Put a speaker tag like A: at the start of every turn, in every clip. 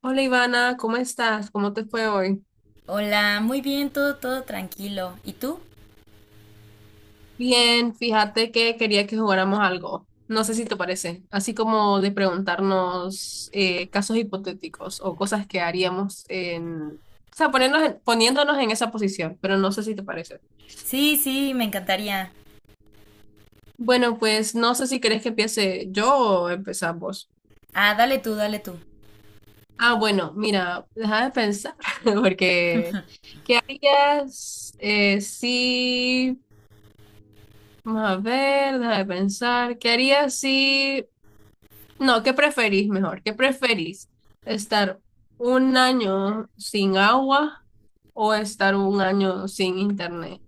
A: Hola Ivana, ¿cómo estás? ¿Cómo te fue hoy?
B: Hola, muy bien, todo tranquilo. ¿Y tú?
A: Bien, fíjate que quería que jugáramos algo. No sé si te parece, así como de preguntarnos casos hipotéticos o cosas que haríamos en, o sea, poniéndonos en esa posición, pero no sé si te parece.
B: Sí, me encantaría.
A: Bueno, pues no sé si querés que empiece yo o empezamos vos.
B: Ah, dale tú.
A: Ah, bueno, mira, déjame pensar, porque ¿qué harías si... Vamos a ver, déjame pensar. ¿Qué harías si No, ¿qué preferís mejor? ¿Qué preferís? ¿Estar un año sin agua o estar un año sin internet?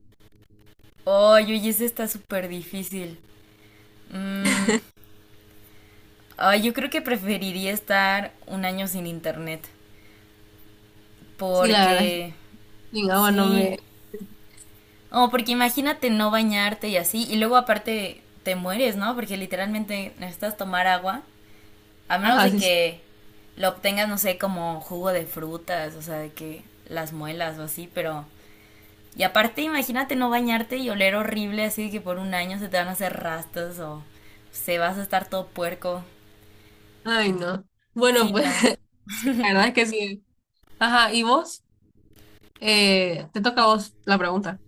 B: Oye, ese está súper difícil. Mm, ay, yo creo que preferiría estar un año sin internet.
A: Sí, la verdad es que
B: Porque,
A: sin agua no
B: sí.
A: me...
B: Oh, porque imagínate no bañarte y así. Y luego aparte te mueres, ¿no? Porque literalmente necesitas tomar agua. A menos
A: Ajá,
B: de
A: sí, sí.
B: que lo obtengas, no sé, como jugo de frutas, o sea, de que las muelas o así, pero y aparte, imagínate no bañarte y oler horrible, así que por un año se te van a hacer rastas o se vas a estar todo puerco.
A: Ay, no. Bueno,
B: Sí,
A: pues
B: no.
A: sí, la verdad es que sí. Ajá, ¿y vos? Te toca a vos la pregunta.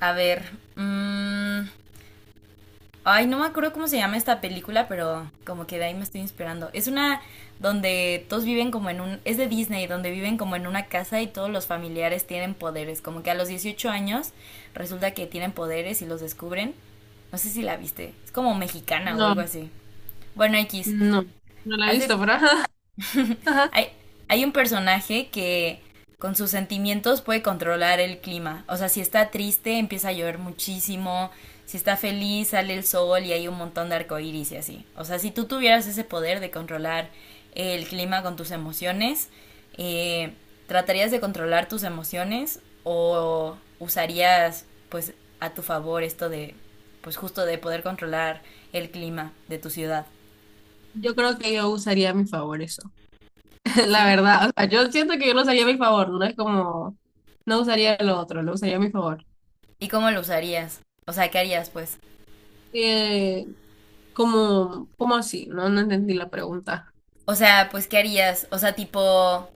B: A ver. mm, Ay, no me acuerdo cómo se llama esta película, pero como que de ahí me estoy inspirando. Es una donde todos viven como en un... Es de Disney, donde viven como en una casa y todos los familiares tienen poderes. Como que a los 18 años resulta que tienen poderes y los descubren. No sé si la viste. Es como mexicana o algo
A: No,
B: así. Bueno, X.
A: no, no la he
B: Hace
A: visto, pero ajá, ajá.
B: Hay, hay un personaje que con sus sentimientos puede controlar el clima. O sea, si está triste, empieza a llover muchísimo. Si está feliz, sale el sol y hay un montón de arcoíris y así. O sea, si tú tuvieras ese poder de controlar el clima con tus emociones, eh, ¿tratarías de controlar tus emociones o usarías, pues, a tu favor esto de, pues, justo de poder controlar el clima de tu ciudad?
A: Yo creo que yo usaría a mi favor eso. La
B: ¿Sí?
A: verdad, o sea, yo siento que yo lo usaría a mi favor, no es como... No usaría lo otro, lo usaría a mi favor.
B: ¿Y cómo lo usarías? O sea, ¿qué harías, pues?
A: Eh, ¿Cómo, cómo así? No, no entendí la pregunta.
B: O sea, pues, ¿qué harías? O sea, tipo,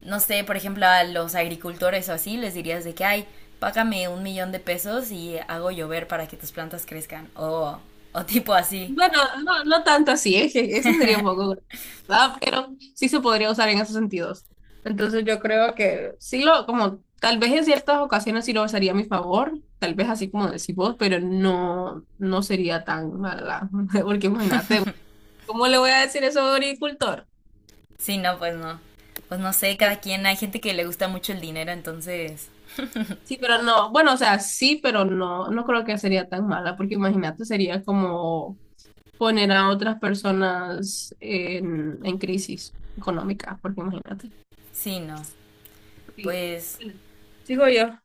B: no sé, por ejemplo, a los agricultores o así, les dirías de que, ay, págame 1.000.000 de pesos y hago llover para que tus plantas crezcan. O tipo así.
A: Bueno, no, no tanto así, es que eso sería un poco grave, ¿verdad? Pero sí se podría usar en esos sentidos. Entonces yo creo que sí lo, como tal vez en ciertas ocasiones sí lo usaría a mi favor, tal vez así como decís vos, pero no, no sería tan mala, porque imagínate, ¿cómo le voy a decir eso a un agricultor?
B: Sí, no, pues no. Pues no sé,
A: Bueno,
B: cada quien, hay gente que le gusta mucho el dinero, entonces,
A: sí, pero no, bueno, o sea, sí, pero no, no creo que sería tan mala, porque imagínate, sería como poner a otras personas en crisis económica, porque imagínate.
B: sí, no.
A: Sí.
B: Pues,
A: Sigo yo.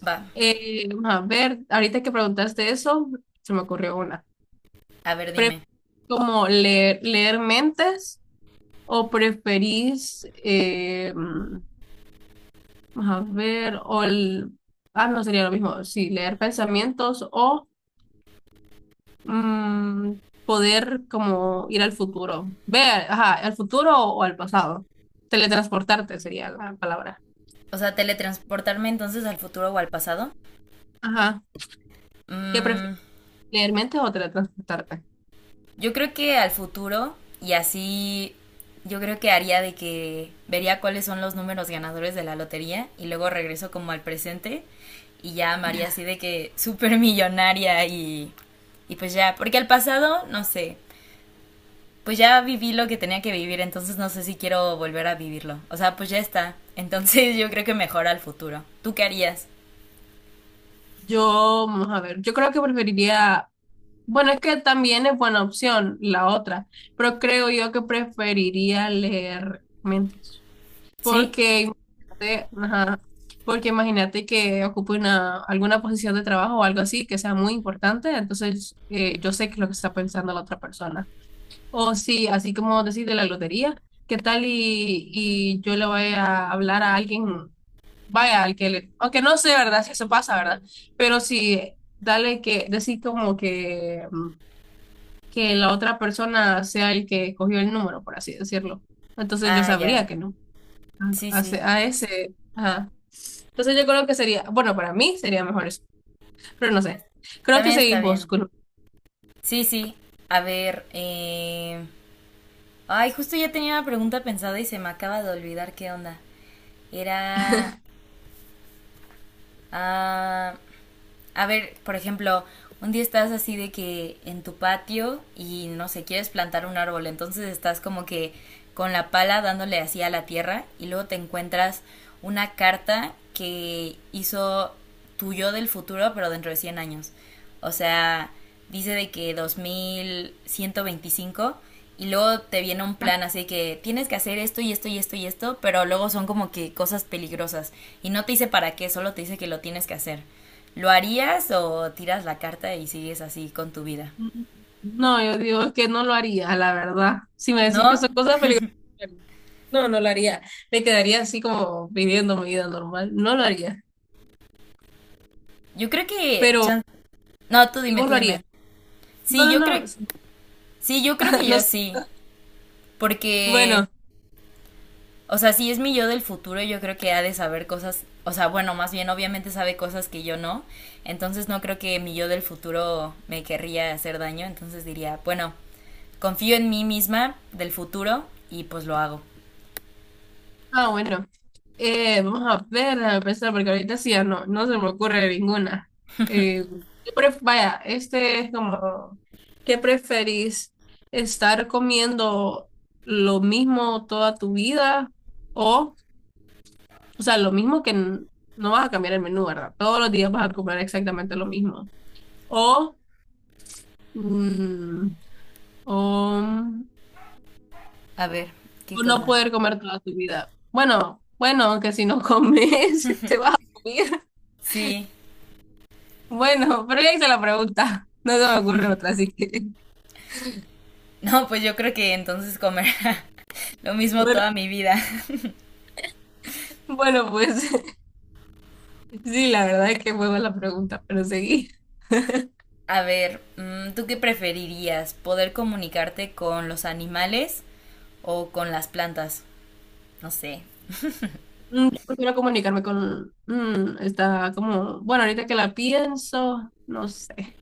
B: va,
A: Vamos a ver, ahorita que preguntaste eso, se me ocurrió una.
B: a ver,
A: Pre-
B: dime.
A: ¿Como leer mentes o preferís, vamos a ver, o el- ah, no sería lo mismo, sí, leer pensamientos o mm, poder como ir al futuro. Ver, ajá, al futuro o al pasado. Teletransportarte sería la palabra.
B: O sea, teletransportarme entonces al futuro o al pasado.
A: Ajá. ¿Qué prefieres?
B: Mm,
A: ¿Leer mentes o teletransportarte?
B: Yo creo que al futuro, y así yo creo que haría de que vería cuáles son los números ganadores de la lotería y luego regreso como al presente y ya me haría así de que súper millonaria y pues ya, porque al pasado, no sé, pues ya viví lo que tenía que vivir, entonces no sé si quiero volver a vivirlo. O sea, pues ya está. Entonces yo creo que mejor al futuro. ¿Tú qué harías?
A: Yo, vamos a ver, yo creo que preferiría, bueno, es que también es buena opción la otra, pero creo yo que preferiría leer mentes.
B: ¿Sí?
A: Porque imagínate, ajá, porque imagínate que ocupe una, alguna posición de trabajo o algo así que sea muy importante, entonces yo sé que es lo que está pensando la otra persona. O sí, así como decir de la lotería, ¿qué tal y yo le voy a hablar a alguien, vaya, al que le, aunque no sé, ¿verdad? Si eso pasa, ¿verdad? Pero sí, dale que, decir como que, que la otra persona sea el que cogió el número, por así decirlo. Entonces yo
B: Ah, ya.
A: sabría que no. Ah,
B: Sí, sí.
A: A ese, ajá. Entonces yo creo que sería, bueno, para mí sería mejor eso, pero no sé. Creo que
B: También está
A: seguimos
B: bien.
A: con...
B: Sí, sí. A ver, Ay, justo ya tenía una pregunta pensada y se me acaba de olvidar qué onda. Era... ah, a ver, por ejemplo, un día estás así de que en tu patio y no sé, quieres plantar un árbol, entonces estás como que con la pala dándole así a la tierra y luego te encuentras una carta que hizo tu yo del futuro, pero dentro de 100 años. O sea, dice de que 2125 y luego te viene un plan así que tienes que hacer esto y esto y esto y esto, pero luego son como que cosas peligrosas y no te dice para qué, solo te dice que lo tienes que hacer. ¿Lo harías o tiras la carta y sigues así con tu vida?
A: No, yo digo que no lo haría, la verdad. Si me decís que
B: ¿No?
A: son cosas peligrosas, no, no lo haría. Me quedaría así como viviendo mi vida normal. No lo haría.
B: Yo creo que
A: Pero,
B: chan- no, tú
A: ¿y
B: dime,
A: vos
B: tú
A: lo harías?
B: dime.
A: No,
B: Sí,
A: no,
B: yo creo
A: no.
B: sí, yo creo que yo
A: Los,
B: sí, porque
A: bueno,
B: o sea, si es mi yo del futuro, yo creo que ha de saber cosas, o sea, bueno, más bien obviamente sabe cosas que yo no, entonces no creo que mi yo del futuro me querría hacer daño, entonces diría, bueno, confío en mí misma del futuro y pues lo hago.
A: ah, bueno. Vamos a ver, a pensar, porque ahorita sí, ya no, no se me ocurre ninguna. Eh, vaya, este es como, ¿qué preferís? ¿Estar comiendo lo mismo toda tu vida? O, o sea, lo mismo no vas a cambiar el menú, ¿verdad? Todos los días vas a comer exactamente lo mismo. O, mm, o,
B: A ver, ¿qué
A: o no
B: cosa?
A: poder comer toda tu vida. Bueno, bueno, aunque si no comes, te vas a morir.
B: Sí,
A: Bueno, pero ya hice la pregunta. No se me ocurre otra, así que.
B: no, pues yo creo que entonces comer lo mismo
A: Bueno,
B: toda mi vida.
A: bueno, pues sí, la verdad es que fue la pregunta, pero seguí.
B: A ver, ¿tú qué preferirías? ¿Poder comunicarte con los animales o con las plantas? No sé.
A: Mm, yo prefiero comunicarme con, está como. Bueno, ahorita que la pienso, no sé.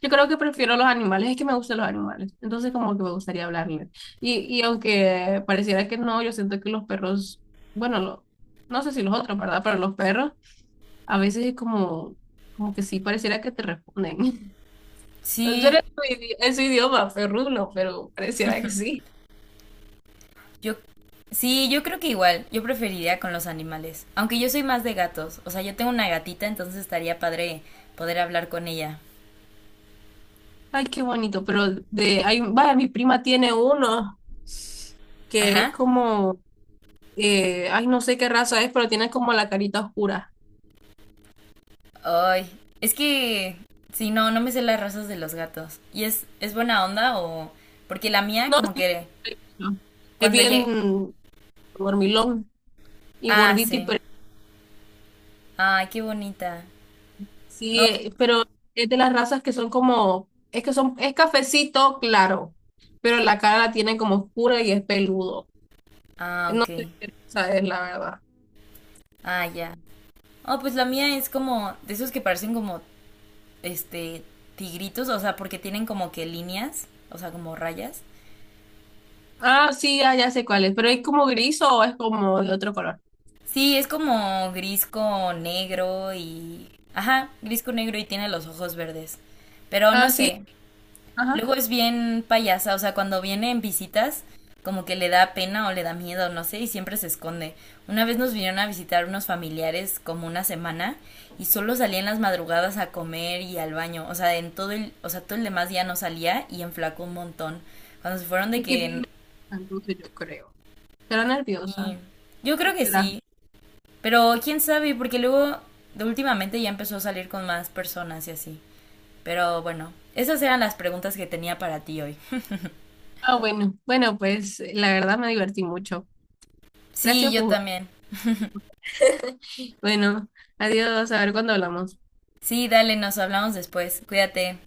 A: Yo creo que prefiero los animales, es que me gustan los animales. Entonces, como que me gustaría hablarles. Y aunque pareciera que no, yo siento que los perros. Bueno, lo- no sé si los otros, ¿verdad? Pero los perros, a veces es como. Como que sí, pareciera que te responden. No
B: Sí,
A: era su, es su idioma, perruno, pero pareciera que sí.
B: Yo, sí, yo creo que igual, yo preferiría con los animales, aunque yo soy más de gatos, o sea, yo tengo una gatita, entonces estaría padre poder hablar con ella.
A: Ay, qué bonito, pero de, hay, vaya, mi prima tiene uno que es
B: Ajá.
A: como, ay, no sé qué raza es, pero tiene como la carita oscura.
B: Ay, es que, sí, no, no me sé las razas de los gatos. ¿Y es buena onda o...? Porque la mía,
A: No,
B: como
A: sí,
B: que
A: no, es
B: cuando llegue...
A: bien dormilón y
B: Ah,
A: gordito, y
B: sí.
A: pero
B: Ay, qué bonita.
A: sí,
B: No.
A: pero es de las razas que son como, es que son, es cafecito claro, pero la cara la tiene como oscura y es peludo.
B: Ah,
A: No
B: ok.
A: sé qué raza es, la verdad.
B: Ah, ya. Oh, pues la mía es como de esos que parecen como, este, tigritos, o sea, porque tienen como que líneas, o sea, como rayas.
A: Ah, sí, ah, ya sé cuál es, pero ¿es como gris o es como de otro color?
B: Sí, es como gris con negro y... Ajá, gris con negro y tiene los ojos verdes. Pero no
A: Ah, sí,
B: sé, luego
A: ajá,
B: es bien payasa, o sea, cuando viene en visitas, como que le da pena o le da miedo, no sé, y siempre se esconde. Una vez nos vinieron a visitar unos familiares como una semana y solo salía en las madrugadas a comer y al baño, o sea, en todo el, o sea, todo el demás día no salía y enflacó un montón. Cuando se fueron de
A: es que vi
B: que...
A: la yo creo. Será
B: y-
A: nerviosa,
B: Yo creo
A: ¿qué
B: que
A: será?
B: sí, pero quién sabe, porque luego de últimamente ya empezó a salir con más personas y así. Pero bueno, esas eran las preguntas que tenía para ti hoy.
A: Ah, bueno, bueno, pues la verdad me divertí mucho.
B: Sí,
A: Gracias,
B: yo
A: Pujo.
B: también.
A: Bueno, adiós, a ver cuándo hablamos.
B: Sí, dale, nos hablamos después. Cuídate.